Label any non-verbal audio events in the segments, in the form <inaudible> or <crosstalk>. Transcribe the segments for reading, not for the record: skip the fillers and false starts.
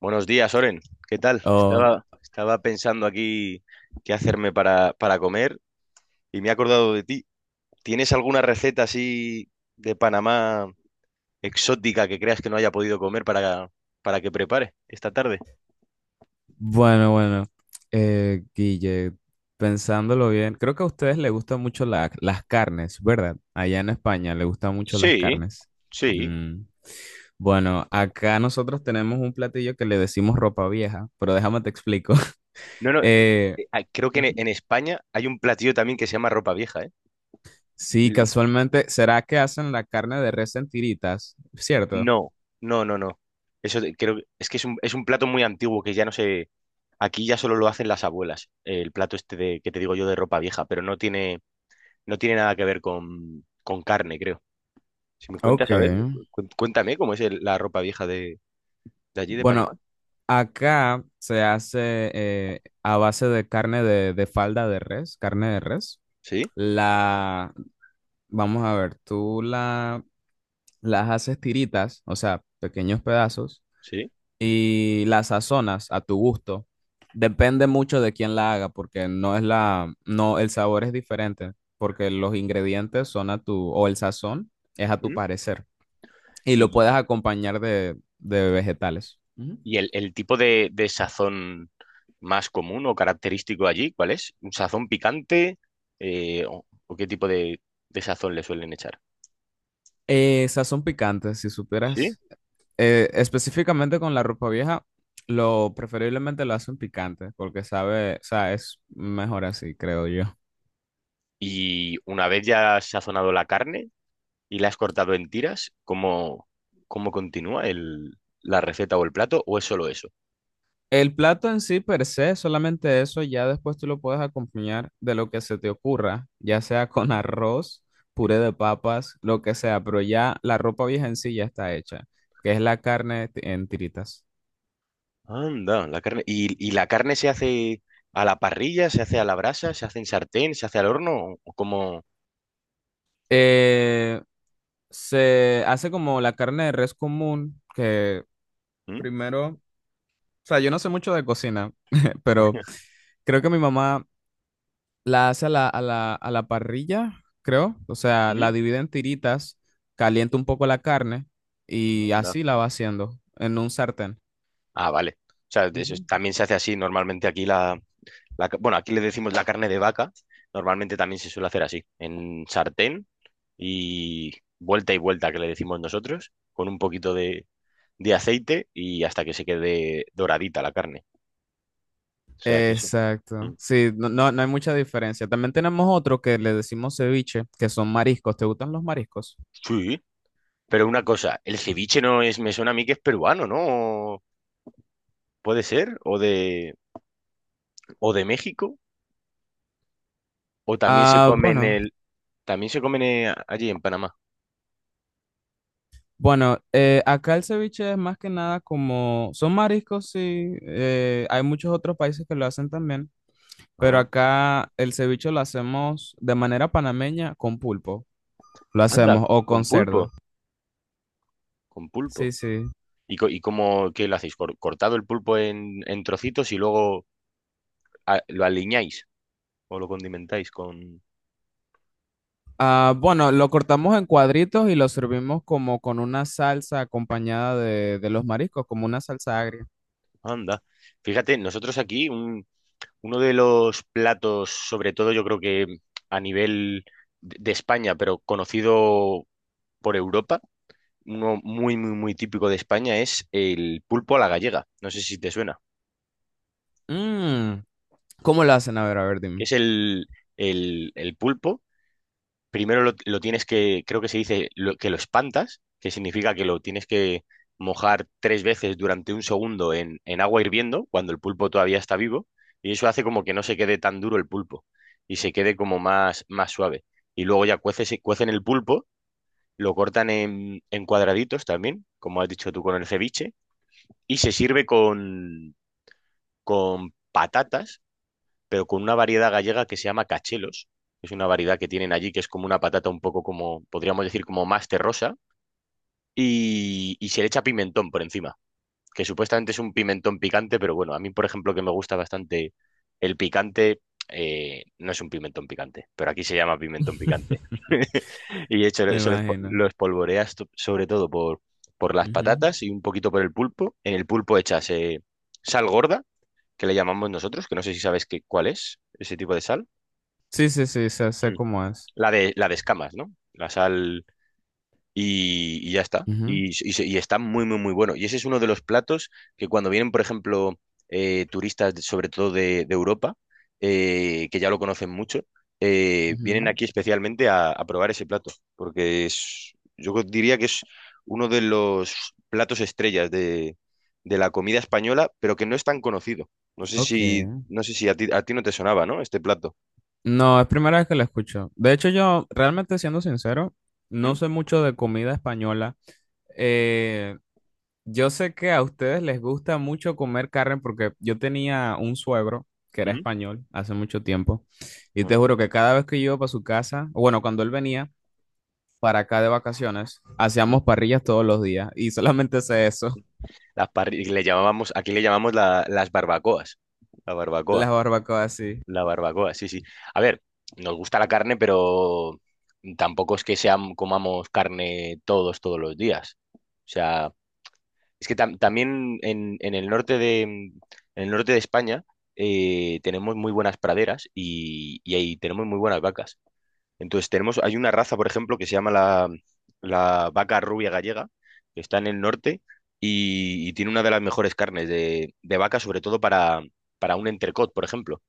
Buenos días, Oren. ¿Qué tal? Oh, Estaba pensando aquí qué hacerme para comer y me he acordado de ti. ¿Tienes alguna receta así de Panamá exótica que creas que no haya podido comer para que prepare esta tarde? bueno, bueno. Guille, pensándolo bien, creo que a ustedes les gustan mucho las carnes, ¿verdad? Allá en España les gustan mucho las Sí, carnes. sí. Mm. Bueno, acá nosotros tenemos un platillo que le decimos ropa vieja, pero déjame te explico. <laughs> No, no, Eh, creo que en, Ujú. en España hay un platillo también que se llama ropa vieja, Sí, ¿eh? casualmente, ¿será que hacen la carne de res en tiritas? ¿Cierto? No, no, no, no. Creo que es que es un plato muy antiguo que ya no sé. Aquí ya solo lo hacen las abuelas. El plato este de, que te digo yo de ropa vieja, pero no tiene nada que ver con carne, creo. Si me Ok. cuentas, a ver, cuéntame cómo es la ropa vieja de allí, de Panamá. Bueno, acá se hace a base de de falda de res, carne de res. Sí, La, vamos a ver, las haces tiritas, o sea, pequeños pedazos, sí. y las sazonas a tu gusto. Depende mucho de quién la haga, porque no, el sabor es diferente, porque los ingredientes son a tu, o el sazón es a tu ¿Mm? parecer, y lo Y, puedes acompañar de vegetales. Ujú. y el, tipo de sazón más común o característico allí, ¿cuál es? ¿Un sazón picante? ¿O qué tipo de sazón le suelen echar? Sazón picante, si Sí. supieras. Específicamente con la ropa vieja, lo preferiblemente lo hacen picante, porque sabe, o sea, es mejor así, creo yo. Y una vez ya has sazonado la carne y la has cortado en tiras, ¿cómo continúa la receta o el plato? ¿O es solo eso? El plato en sí, per se, solamente eso, ya después tú lo puedes acompañar de lo que se te ocurra, ya sea con <laughs> arroz, puré de papas, lo que sea, pero ya la ropa vieja en sí ya está hecha, que es la en tiritas. Anda, la carne. ¿Y la carne se hace a la parrilla, se hace a la brasa, se hace en sartén, se hace al horno? ¿O cómo? Eh, Se hace como la carne de res común, que ¿Mm? primero, o sea, yo no sé mucho de cocina, <laughs> pero... Creo que mi mamá la hace a a la parrilla, creo. O sea, la ¿Mm? divide en tiritas, calienta un poco la carne y Anda. así la va haciendo en un sartén. Ah, vale. O sea, de eso, Ujú. también se hace así. Normalmente aquí bueno, aquí le decimos la carne de vaca. Normalmente también se suele hacer así, en sartén y y vuelta, que le decimos nosotros, con un poquito de aceite y hasta que se quede doradita la carne. O sea que eso. Mm. Exacto. Sí, no, no, no hay mucha diferencia. También tenemos otro que le decimos ceviche, que son mariscos. ¿Te gustan los mariscos? Sí, pero una cosa, el ceviche no es, me suena a mí que es peruano, ¿no? Puede ser, o de México, o también se Ah, come bueno, también se comen allí en Panamá. bueno, acá el ceviche es más que nada como, son mariscos, sí, hay muchos otros países que lo hacen también. Pero Ah, acá el ceviche lo hacemos de manera panameña con pulpo. Lo anda, hacemos, o con con pulpo, cerdo. con Sí, pulpo. sí. ¿Y cómo, qué lo hacéis? ¿Cortado el pulpo en, trocitos y luego lo aliñáis o lo condimentáis con. Ah, bueno, lo cortamos en cuadritos y lo servimos como con una salsa acompañada de los mariscos, como una salsa agria. Anda. Fíjate, nosotros aquí uno de los platos, sobre todo yo creo que a nivel de España, pero conocido por Europa, uno muy, muy, muy típico de España es el pulpo a la gallega. No sé si te suena. Mm, ¿cómo lo hacen? A ver, Que dime. es el, el pulpo. Primero lo, tienes que, creo que se dice que lo espantas, que significa que lo tienes que mojar tres veces durante un segundo en agua hirviendo, cuando el pulpo todavía está vivo, y eso hace como que no se quede tan duro el pulpo y se quede como más, más suave. Y luego ya cueces, cuecen el pulpo, lo cortan en, cuadraditos también, como has dicho tú con el ceviche, y se sirve con patatas pero con una variedad gallega que se llama cachelos. Es una variedad que tienen allí que es como una patata un poco como, podríamos decir, como más terrosa. Y se le echa pimentón por encima, que supuestamente es un pimentón picante, pero bueno, a mí, por ejemplo, que me gusta bastante el picante, no es un pimentón picante, pero aquí se llama pimentón picante. <laughs> <laughs> Y de hecho, Me eso lo, espo- imagino. lo espolvoreas sobre todo por las Ujú. patatas y un poquito por el pulpo. En el pulpo echas sal gorda, que le llamamos nosotros, que no sé si sabes qué, cuál es ese tipo de sal. Sí, sí, sí, sé, sé Mm. cómo es. La de escamas, ¿no? La sal y ya está. Ujú, Y está muy, muy, muy bueno. Y ese es uno de los platos que cuando vienen, por ejemplo, turistas, sobre todo de Europa, que ya lo conocen mucho, vienen ujú. aquí especialmente a probar ese plato, porque es, yo diría que es uno de los platos estrellas de, la comida española, pero que no es tan conocido. No sé Ok. si, no sé si a ti no te sonaba, ¿no? Este plato. No, es primera vez que la escucho. De hecho, yo, realmente siendo sincero, no ¿Mm? sé mucho de comida española. Eh, yo sé que a ustedes les gusta mucho comer carne porque yo tenía un suegro que era ¿Mm? español hace mucho tiempo y te juro que cada vez que yo iba para su casa, o bueno, cuando él venía para acá de vacaciones, ¿Mm? hacíamos parrillas todos los días y solamente sé eso, Le llamábamos, aquí le llamamos las barbacoas. La <laughs> barbacoa. las barbacoas así. La barbacoa, sí, sí. A ver, nos gusta la carne, pero tampoco es que comamos carne todos los días. O sea, es que también en el norte de España tenemos muy buenas praderas y ahí tenemos muy buenas vacas. Entonces tenemos, hay una raza, por ejemplo, que se llama la, vaca rubia gallega, que está en el norte y tiene una de las mejores carnes de vaca, sobre todo para un entrecot, por ejemplo.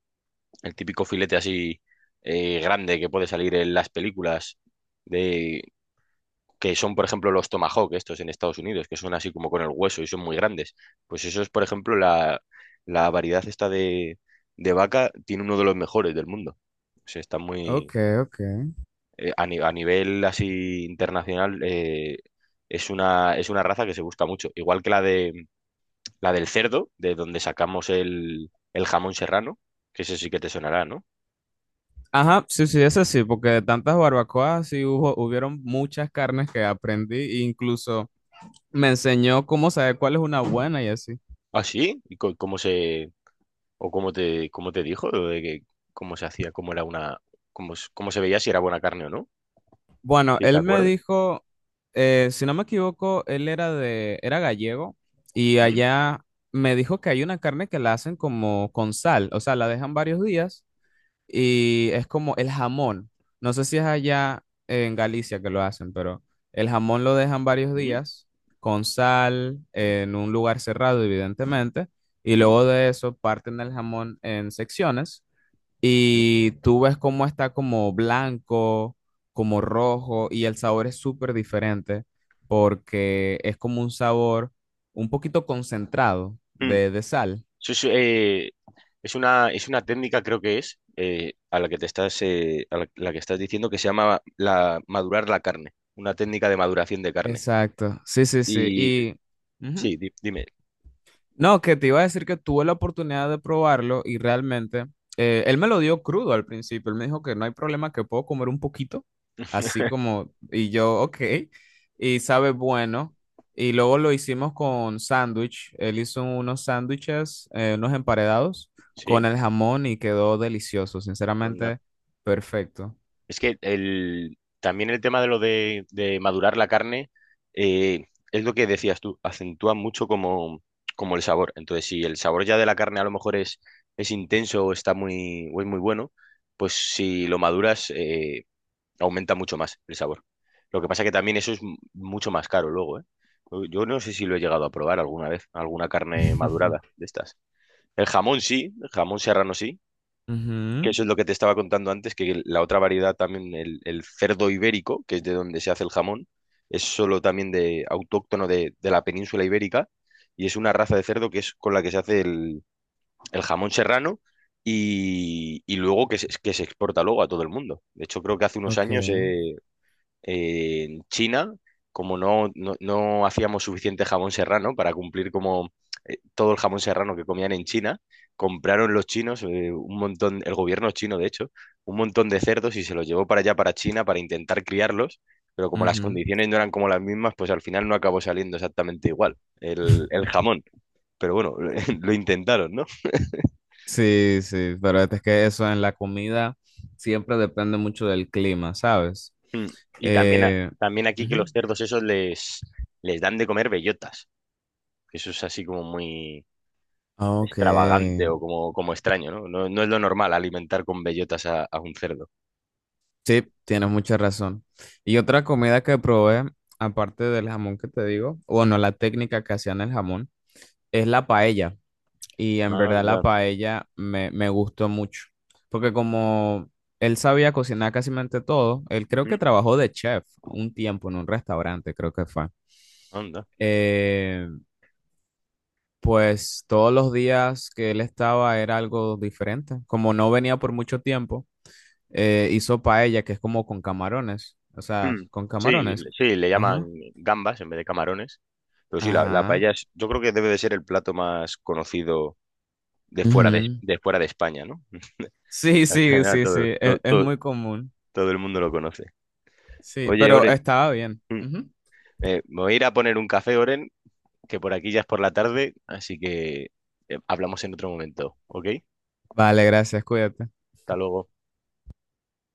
El típico filete así grande que puede salir en las películas de, que son, por ejemplo, los tomahawk, estos en Estados Unidos, que son así como con el hueso y son muy grandes. Pues eso es, por ejemplo, la, variedad esta de vaca tiene uno de los mejores del mundo. O sea, está muy, Ok, ok. A, ni- a nivel así internacional, es una, raza que se busca mucho. Igual que la del cerdo, de donde sacamos el jamón serrano, que ese sí que te sonará, ¿no? Ajá, sí, sí, eso sí, porque de tantas barbacoas sí hubo, hubieron muchas carnes que aprendí e incluso me enseñó cómo saber cuál es una buena y así. ¿Ah, sí? ¿Y cómo se, o cómo te dijo lo de que cómo se hacía, cómo era una, cómo se veía si era buena carne o no? Bueno, Si te él me acuerdas. dijo, si no me equivoco, él era de, era gallego y ¿Mm? allá me dijo que hay una carne que la hacen como con sal, o sea, la dejan varios días y es como el jamón. No sé si es allá en Galicia que lo hacen, pero el jamón lo dejan varios ¿Mm? días con sal en un lugar cerrado, evidentemente, y ¿Mm? luego de eso parten el jamón en secciones y tú ves cómo está como blanco, como rojo, y el sabor es súper diferente porque es como un sabor un poquito concentrado ¿Mm? De sal. Eso es, es una técnica, creo que es, a la que te estás, a la que estás diciendo que se llama madurar la carne, una técnica de maduración de carne. Exacto, sí, sí, sí. Y Y ujú. sí, dime, No, que te iba a decir que tuve la oportunidad de probarlo y realmente él me lo dio crudo al principio. Él me dijo que no hay problema, que puedo comer un poquito, así como, y yo, ok, y sabe bueno. Y luego lo hicimos con sándwich. Él hizo unos sándwiches, unos emparedados sí, con el jamón y quedó delicioso, anda. sinceramente, perfecto. Es que también el tema de lo de madurar la carne, eh, es lo que decías tú, acentúa mucho como el sabor. Entonces, si el sabor ya de la carne a lo mejor es intenso o o es muy bueno, pues si lo maduras, aumenta mucho más el sabor. Lo que pasa que también eso es mucho más caro luego, ¿eh? Yo no sé si lo he llegado a probar alguna vez, alguna carne madurada <laughs> de estas. El jamón sí, el jamón serrano sí, que Ujú, eso es lo que te estaba contando antes, que la otra variedad también, el, cerdo ibérico, que es de donde se hace el jamón, es solo también de autóctono de la península ibérica y es una raza de cerdo que es con la que se hace el jamón serrano y luego que se exporta luego a todo el mundo. De hecho, creo que hace unos Ok. años, en China, como no hacíamos suficiente jamón serrano para cumplir como todo el jamón serrano que comían en China, compraron los chinos un montón, el gobierno chino de hecho, un montón de cerdos y se los llevó para allá, para China, para intentar criarlos, pero como las ujú. condiciones no eran como las mismas, pues al final no acabó saliendo exactamente igual el, <laughs> jamón. Pero bueno, <laughs> lo intentaron, ¿no? Sí, sí, pero es que eso en la comida siempre depende mucho del clima, ¿sabes? Mm. Y también, Eh, también aquí que los ujú. cerdos esos les dan de comer bellotas, que eso es así como muy, Ah, ok, extravagante o como extraño, ¿no? No, no es lo normal alimentar con bellotas a un cerdo. sí, tienes mucha razón. Y otra comida que probé, aparte del jamón que te digo, bueno, la técnica que hacían el jamón, es la paella. Y en verdad la Anda, paella me gustó mucho, porque como él sabía cocinar casi mente todo, él creo que mm, trabajó de chef un tiempo en un restaurante, creo que fue. anda. Eh, Pues todos los días que él estaba era algo diferente. Como no venía por mucho tiempo, hizo paella, que es como con camarones. O sea, Mm. con Sí, camarones. Le llaman Ajá. gambas en vez de camarones. Pero sí, la, Ajá. paella yo creo que debe de ser el plato más conocido de fuera de, Ujú. de fuera de España, ¿no? <laughs> Sí, Al sí, final sí, todo, sí. todo, Es todo- muy común. todo el mundo lo conoce. Sí, Oye, pero Oren, estaba bien. mm, Ujú. Me voy a ir a poner un café, Oren, que por aquí ya es por la tarde, así que hablamos en otro momento, ¿ok? Vale, gracias. Cuídate. Hasta luego.